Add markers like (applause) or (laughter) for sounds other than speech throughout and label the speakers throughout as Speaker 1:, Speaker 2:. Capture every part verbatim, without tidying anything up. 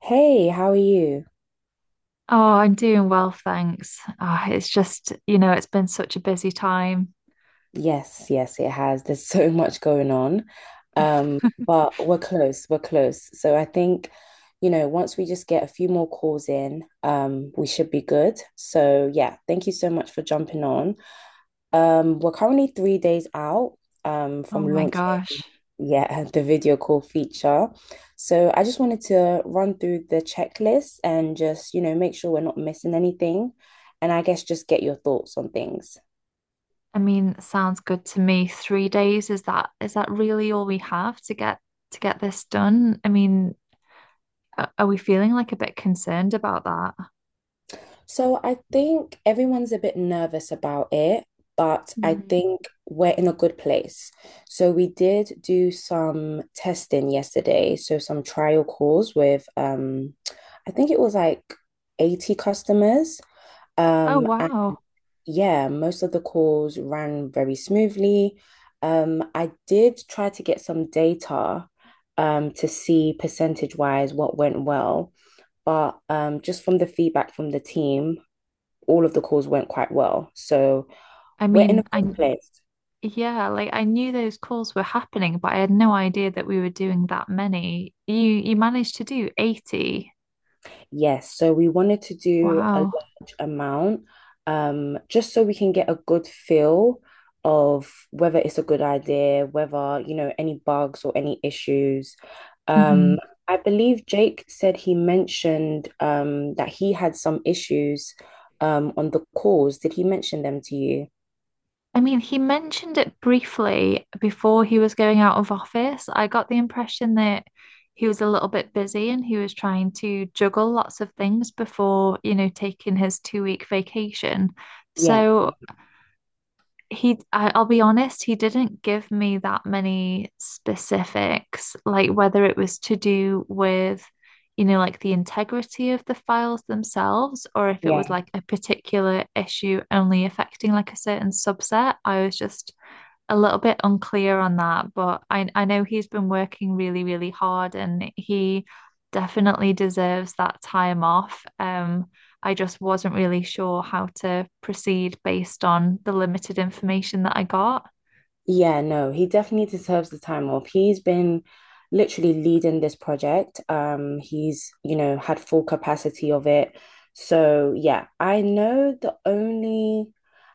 Speaker 1: Hey, how are you?
Speaker 2: Oh, I'm doing well, thanks. Oh, it's just, you know, it's been such a busy time.
Speaker 1: Yes, yes, it has. There's (laughs) so much going on. Um,
Speaker 2: (laughs)
Speaker 1: but we're close, we're close. So I think, you know, once we just get a few more calls in, um, we should be good. So yeah, thank you so much for jumping on. Um, we're currently three days out, um,
Speaker 2: Oh
Speaker 1: from
Speaker 2: my
Speaker 1: launching,
Speaker 2: gosh.
Speaker 1: yeah, (laughs) the video call feature. So I just wanted to run through the checklist and just, you know, make sure we're not missing anything. And I guess just get your thoughts on things.
Speaker 2: I mean, sounds good to me. Three days, is that is that really all we have to get to get this done? I mean, a- are we feeling like a bit concerned about that?
Speaker 1: So I think everyone's a bit nervous about it, but I
Speaker 2: Mm.
Speaker 1: think we're in a good place. So we did do some testing yesterday, so some trial calls with um I think it was like eighty customers.
Speaker 2: Oh
Speaker 1: Um and
Speaker 2: wow.
Speaker 1: yeah, most of the calls ran very smoothly. Um I did try to get some data um to see percentage wise what went well, but um just from the feedback from the team all of the calls went quite well. So
Speaker 2: I
Speaker 1: we're in
Speaker 2: mean,
Speaker 1: a
Speaker 2: I
Speaker 1: good place.
Speaker 2: Yeah, like I knew those calls were happening, but I had no idea that we were doing that many. You you managed to do eighty.
Speaker 1: Yes. So we wanted to do a
Speaker 2: Wow.
Speaker 1: large amount, um, just so we can get a good feel of whether it's a good idea, whether, you know, any bugs or any issues. Um,
Speaker 2: hmm
Speaker 1: I believe Jake said he mentioned, um, that he had some issues, um, on the calls. Did he mention them to you?
Speaker 2: I mean, he mentioned it briefly before he was going out of office. I got the impression that he was a little bit busy and he was trying to juggle lots of things before, you know, taking his two week vacation.
Speaker 1: Yeah.
Speaker 2: So he I, I'll be honest, he didn't give me that many specifics, like whether it was to do with, you know, like the integrity of the files themselves, or if it was
Speaker 1: Yeah.
Speaker 2: like a particular issue only affecting like a certain subset. I was just a little bit unclear on that, but I I know he's been working really, really hard and he definitely deserves that time off. Um, I just wasn't really sure how to proceed based on the limited information that I got.
Speaker 1: Yeah, no, he definitely deserves the time off. He's been literally leading this project. Um, he's, you know, had full capacity of it. So, yeah, I know the only,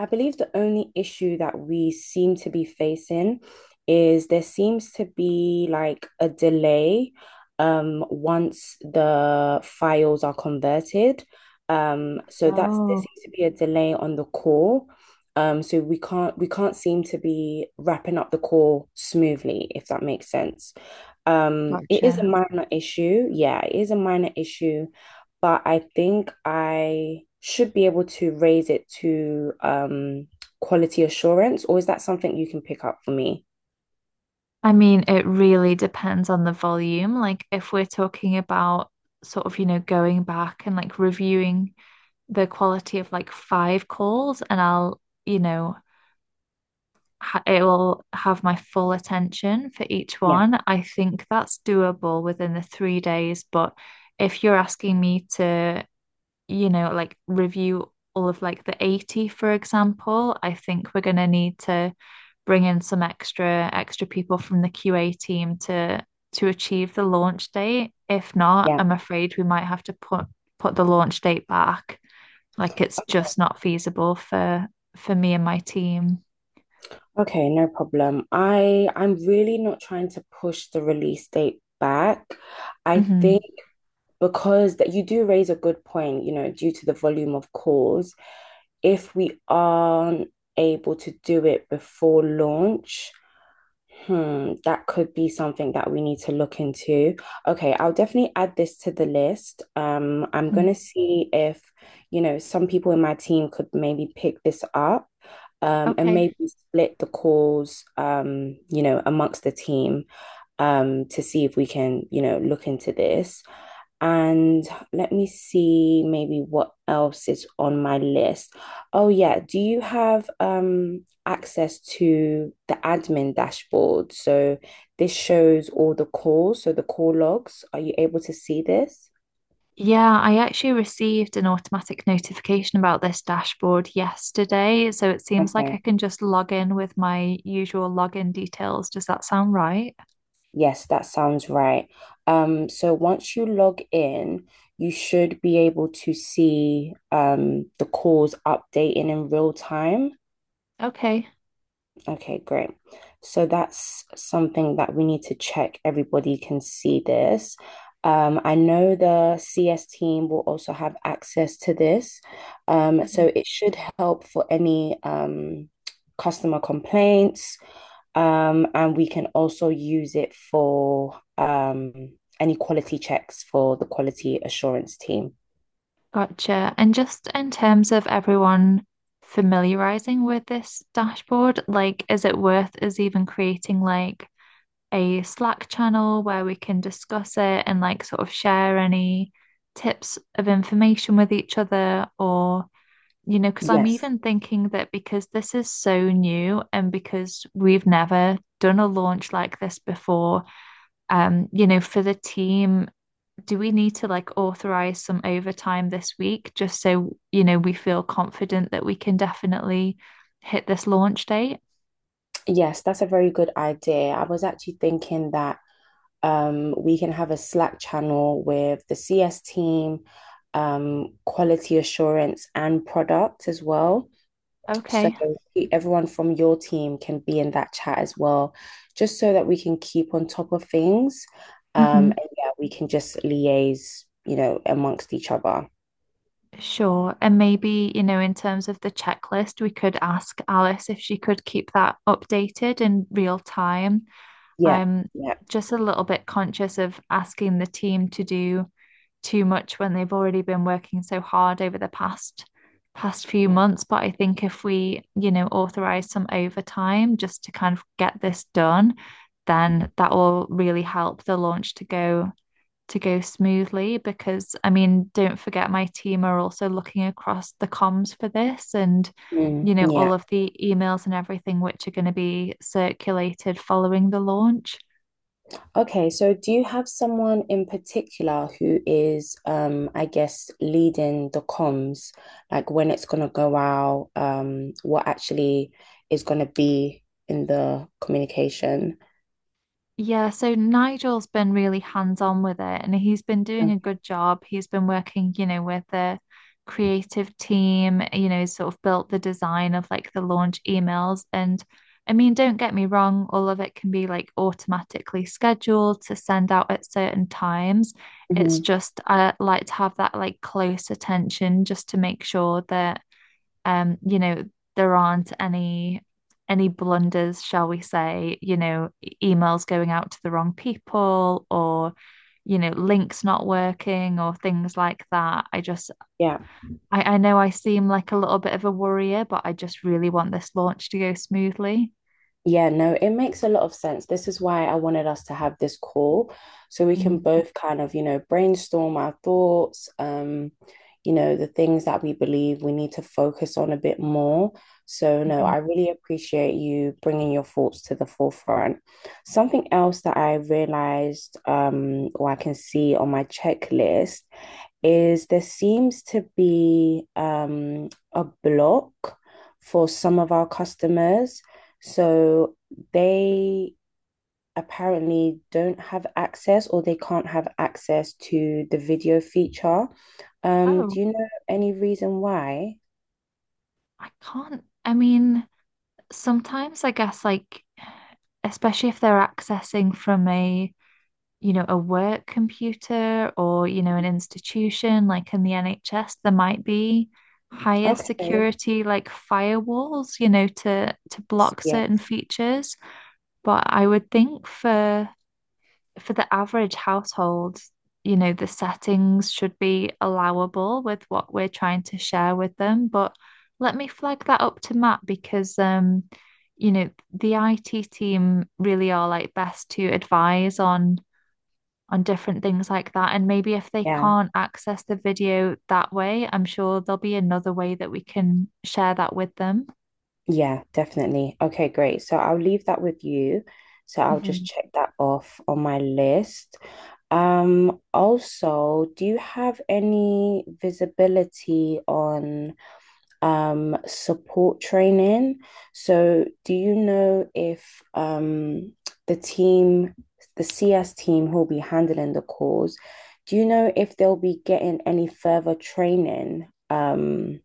Speaker 1: I believe the only issue that we seem to be facing is there seems to be like a delay, um, once the files are converted. Um, so that's there
Speaker 2: Oh,
Speaker 1: seems to be a delay on the core. Um, so we can't we can't seem to be wrapping up the call smoothly, if that makes sense. Um, it is a
Speaker 2: gotcha.
Speaker 1: minor issue. Yeah, it is a minor issue, but I think I should be able to raise it to um quality assurance, or is that something you can pick up for me?
Speaker 2: I mean, it really depends on the volume. Like, if we're talking about sort of, you know, going back and like reviewing the quality of like five calls, and I'll, you know, it will have my full attention for each
Speaker 1: Yeah,
Speaker 2: one. I think that's doable within the three days, but if you're asking me to, you know, like review all of like the eighty, for example, I think we're going to need to bring in some extra extra people from the Q A team to to achieve the launch date. If not,
Speaker 1: yeah.
Speaker 2: I'm afraid we might have to put put the launch date back. Like it's just not feasible for for me and my team.
Speaker 1: Okay, no problem. I I'm really not trying to push the release date back. I
Speaker 2: Hmm.
Speaker 1: think because that, you do raise a good point, you know, due to the volume of calls. If we aren't able to do it before launch, hmm, that could be something that we need to look into. Okay, I'll definitely add this to the list. Um, I'm gonna see if, you know, some people in my team could maybe pick this up, um, and
Speaker 2: Okay.
Speaker 1: maybe split the calls, um, you know, amongst the team, um, to see if we can, you know, look into this. And let me see maybe what else is on my list. Oh yeah, do you have um access to the admin dashboard? So this shows all the calls, so the call logs. Are you able to see this?
Speaker 2: Yeah, I actually received an automatic notification about this dashboard yesterday, so it seems like
Speaker 1: Okay.
Speaker 2: I can just log in with my usual login details. Does that sound right?
Speaker 1: Yes, that sounds right. Um, so once you log in, you should be able to see, um, the calls updating in real time.
Speaker 2: Okay.
Speaker 1: Okay, great. So that's something that we need to check. Everybody can see this. Um, I know the C S team will also have access to this. Um,
Speaker 2: Mhm.
Speaker 1: so it should help for any, um, customer complaints. Um, and we can also use it for, um, any quality checks for the quality assurance team.
Speaker 2: Gotcha. And just in terms of everyone familiarizing with this dashboard, like, is it worth us even creating like a Slack channel where we can discuss it and like sort of share any tips of information with each other or? You know, because I'm
Speaker 1: Yes.
Speaker 2: even thinking that because this is so new and because we've never done a launch like this before, um, you know, for the team, do we need to like authorize some overtime this week just so, you know, we feel confident that we can definitely hit this launch date?
Speaker 1: Yes, that's a very good idea. I was actually thinking that Um, we can have a Slack channel with the C S team, um, quality assurance, and product as well. So
Speaker 2: Okay.
Speaker 1: everyone from your team can be in that chat as well, just so that we can keep on top of things. Um,
Speaker 2: Hmm.
Speaker 1: and yeah, we can just liaise, you know, amongst each other.
Speaker 2: Sure. And maybe, you know, in terms of the checklist, we could ask Alice if she could keep that updated in real time.
Speaker 1: Yeah,
Speaker 2: I'm
Speaker 1: yeah.
Speaker 2: just a little bit conscious of asking the team to do too much when they've already been working so hard over the past past few months, but I think if we, you know, authorize some overtime just to kind of get this done, then that will really help the launch to go to go smoothly, because I mean, don't forget my team are also looking across the comms for this, and
Speaker 1: Mm,
Speaker 2: you know,
Speaker 1: yeah.
Speaker 2: all of the emails and everything which are going to be circulated following the launch.
Speaker 1: Okay, so do you have someone in particular who is, um, I guess, leading the comms, like when it's gonna go out, um, what actually is gonna be in the communication?
Speaker 2: Yeah, so Nigel's been really hands-on with it and he's been doing a
Speaker 1: Okay.
Speaker 2: good job. He's been working, you know, with the creative team, you know, sort of built the design of like the launch emails. And I mean, don't get me wrong, all of it can be like automatically scheduled to send out at certain times. It's
Speaker 1: Mhm.
Speaker 2: just I like to have that like close attention just to make sure that um, you know, there aren't any any blunders, shall we say, you know, e- emails going out to the wrong people or, you know, links not working or things like that. I just
Speaker 1: Yeah.
Speaker 2: I, I know I seem like a little bit of a worrier, but I just really want this launch to go smoothly.
Speaker 1: Yeah, no, it makes a lot of sense. This is why I wanted us to have this call so we can
Speaker 2: Mm,
Speaker 1: both kind of, you know, brainstorm our thoughts, um, you know, the things that we believe we need to focus on a bit more. So, no,
Speaker 2: mhm.
Speaker 1: I really appreciate you bringing your thoughts to the forefront. Something else that I realized, um, or I can see on my checklist is there seems to be, um, a block for some of our customers. So they apparently don't have access or they can't have access to the video feature. Um,
Speaker 2: Oh,
Speaker 1: do you know any reason why?
Speaker 2: I can't. I mean, sometimes I guess like especially if they're accessing from a you know, a work computer or, you know, an institution like in the N H S, there might be higher
Speaker 1: Okay.
Speaker 2: security like firewalls, you know, to to block
Speaker 1: Yes.
Speaker 2: certain features. But I would think for for the average household, you know, the settings should be allowable with what we're trying to share with them. But let me flag that up to Matt, because um, you know, the I T team really are like best to advise on on different things like that. And maybe if they
Speaker 1: Yeah.
Speaker 2: can't access the video that way, I'm sure there'll be another way that we can share that with them.
Speaker 1: Yeah, definitely. Okay, great. So I'll leave that with you. So I'll just
Speaker 2: Mhm.
Speaker 1: check that off on my list. Um, also, do you have any visibility on um support training? So do you know if um the team, the C S team who'll be handling the calls, do you know if they'll be getting any further training? Um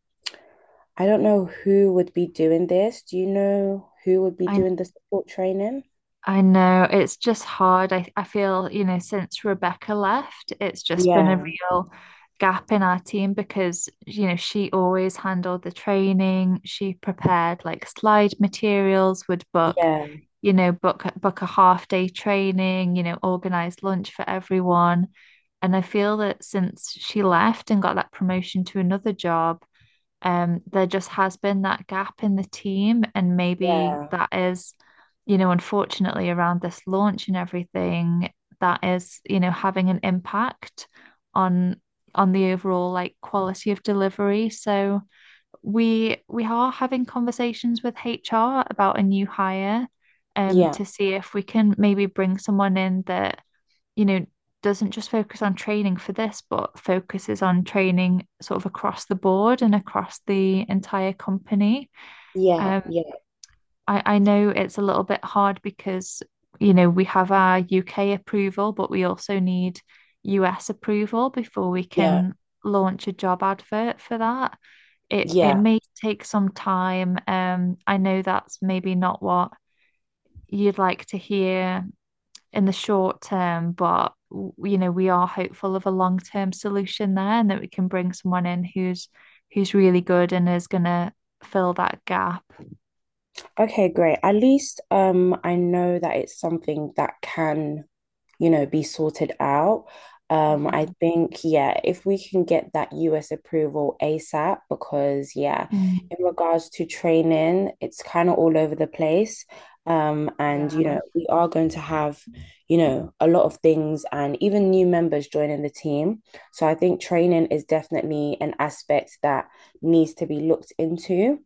Speaker 1: I don't know who would be doing this. Do you know who would be
Speaker 2: I
Speaker 1: doing the support training?
Speaker 2: I know it's just hard. I, I feel, you know, since Rebecca left, it's just been a
Speaker 1: Yeah,
Speaker 2: real gap in our team because, you know, she always handled the training. She prepared like slide materials, would book,
Speaker 1: yeah,
Speaker 2: you know, book book a half day training, you know, organize lunch for everyone. And I feel that since she left and got that promotion to another job, um, there just has been that gap in the team, and maybe
Speaker 1: yeah,
Speaker 2: that is, you know, unfortunately around this launch and everything, that is, you know, having an impact on on the overall like quality of delivery. So we we are having conversations with H R about a new hire um
Speaker 1: yeah,
Speaker 2: to see if we can maybe bring someone in that you know, doesn't just focus on training for this, but focuses on training sort of across the board and across the entire company.
Speaker 1: yeah,
Speaker 2: Um,
Speaker 1: yeah,
Speaker 2: I, I know it's a little bit hard because, you know, we have our U K approval, but we also need U S approval before we
Speaker 1: yeah,
Speaker 2: can launch a job advert for that. It it
Speaker 1: yeah.
Speaker 2: may take some time. Um, I know that's maybe not what you'd like to hear in the short term, but you know, we are hopeful of a long-term solution there and that we can bring someone in who's who's really good and is gonna fill that gap.
Speaker 1: Okay, great. At least um I know that it's something that can, you know, be sorted out. Um, I
Speaker 2: Hmm.
Speaker 1: think, yeah, if we can get that U S approval A S A P, because, yeah,
Speaker 2: Mm,
Speaker 1: in regards to training, it's kind of all over the place. Um, and,
Speaker 2: yeah.
Speaker 1: you know, we are going to have, you know, a lot of things and even new members joining the team. So I think training is definitely an aspect that needs to be looked into.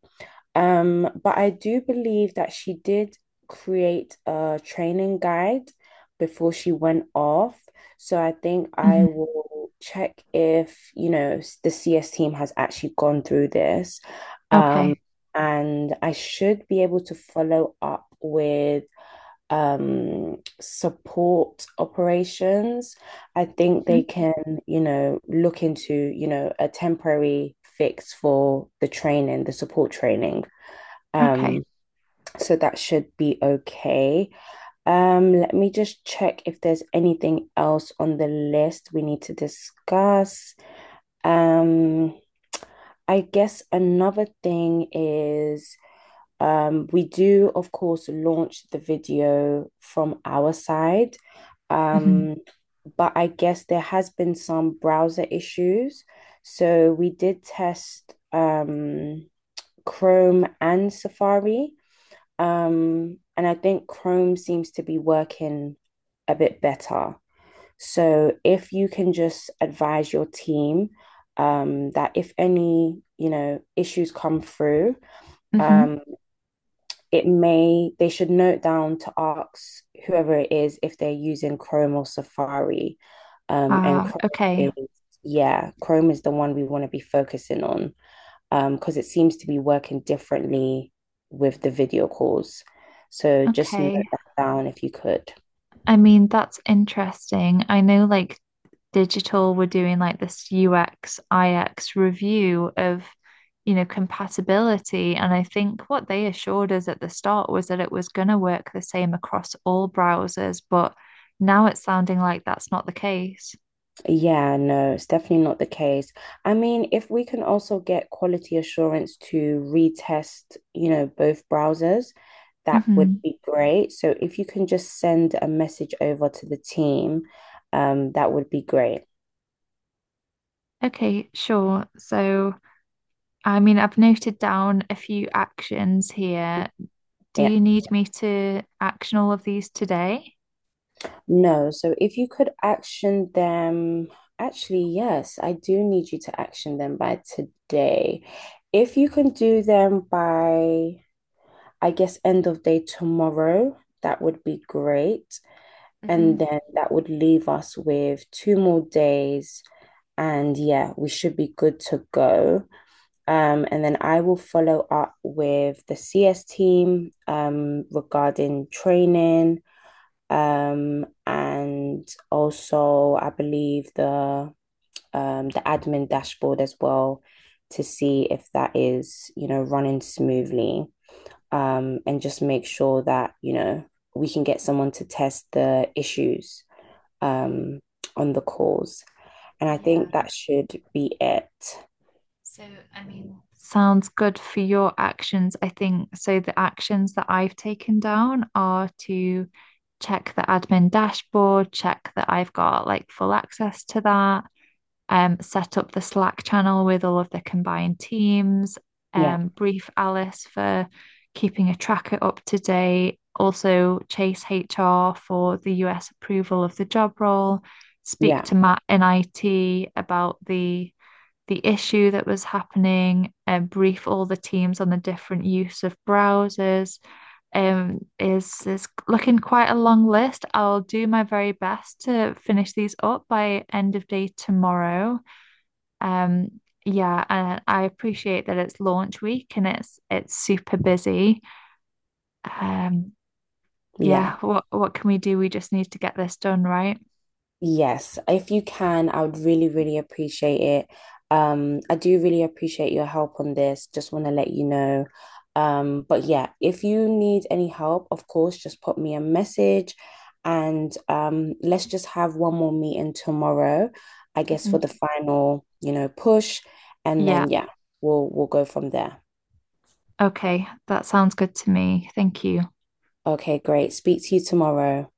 Speaker 1: Um, but I do believe that she did create a training guide before she went off. So I think I
Speaker 2: Mhm.
Speaker 1: will check if, you know, the C S team has actually gone through this. Um,
Speaker 2: Okay.
Speaker 1: and I should be able to follow up with um support operations. I think they
Speaker 2: Hmm.
Speaker 1: can, you know, look into, you know, a temporary fix for the training, the support training,
Speaker 2: Okay.
Speaker 1: um, so that should be okay. Um, let me just check if there's anything else on the list we need to discuss. Um, I guess another thing is, um, we do, of course, launch the video from our side.
Speaker 2: Hmm.
Speaker 1: Um, but I guess there has been some browser issues. So we did test, um, Chrome and Safari. Um, and I think Chrome seems to be working a bit better. So if you can just advise your team, um, that if any, you know, issues come through,
Speaker 2: Hmm.
Speaker 1: um, it may they should note down to ask whoever it is if they're using Chrome or Safari. Um, and
Speaker 2: Ah,
Speaker 1: Chrome
Speaker 2: okay.
Speaker 1: is, yeah, Chrome is the one we want to be focusing on, um, because it seems to be working differently with the video calls. So just note
Speaker 2: Okay.
Speaker 1: that down if you could.
Speaker 2: I mean, that's interesting. I know like digital we're doing like this U X I X review of, you know compatibility, and I think what they assured us at the start was that it was going to work the same across all browsers, but now it's sounding like that's not the case.
Speaker 1: Yeah, no, it's definitely not the case. I mean, if we can also get quality assurance to retest, you know, both browsers, that would
Speaker 2: Hmm.
Speaker 1: be great. So if you can just send a message over to the team, um, that would be great.
Speaker 2: Okay, sure. So I mean I've noted down a few actions here. Do
Speaker 1: Yeah.
Speaker 2: you need me to action all of these today?
Speaker 1: No, so if you could action them, actually, yes, I do need you to action them by today. If you can do them by, I guess, end of day tomorrow, that would be great. And
Speaker 2: Mhm.
Speaker 1: then that would leave us with two more days. And yeah, we should be good to go. Um, and then I will follow up with the C S team, um, regarding training, um, and also I believe the um the admin dashboard as well to see if that is, you know, running smoothly. Um, and just make sure that, you know, we can get someone to test the issues um on the calls. And I
Speaker 2: Yeah.
Speaker 1: think that should be it.
Speaker 2: So, I mean, sounds good for your actions, I think. So the actions that I've taken down are to check the admin dashboard, check that I've got like full access to that, um, set up the Slack channel with all of the combined teams,
Speaker 1: Yeah,
Speaker 2: um, brief Alice for keeping a tracker up to date, also chase H R for the U S approval of the job role, speak
Speaker 1: yeah,
Speaker 2: to Matt in I T about the the issue that was happening, and um, brief all the teams on the different use of browsers. Um, is is looking quite a long list. I'll do my very best to finish these up by end of day tomorrow. Um, yeah, and I appreciate that it's launch week and it's it's super busy. Um,
Speaker 1: yeah.
Speaker 2: yeah, what what can we do? We just need to get this done, right?
Speaker 1: Yes, if you can, I would really, really appreciate it. Um, I do really appreciate your help on this. Just want to let you know. Um, but yeah, if you need any help, of course, just pop me a message and, um, let's just have one more meeting tomorrow, I guess
Speaker 2: Mm-hmm.
Speaker 1: for the final, you know, push. And
Speaker 2: Yeah,
Speaker 1: then yeah, we'll we'll go from there.
Speaker 2: okay, that sounds good to me. Thank you.
Speaker 1: Okay, great. Speak to you tomorrow.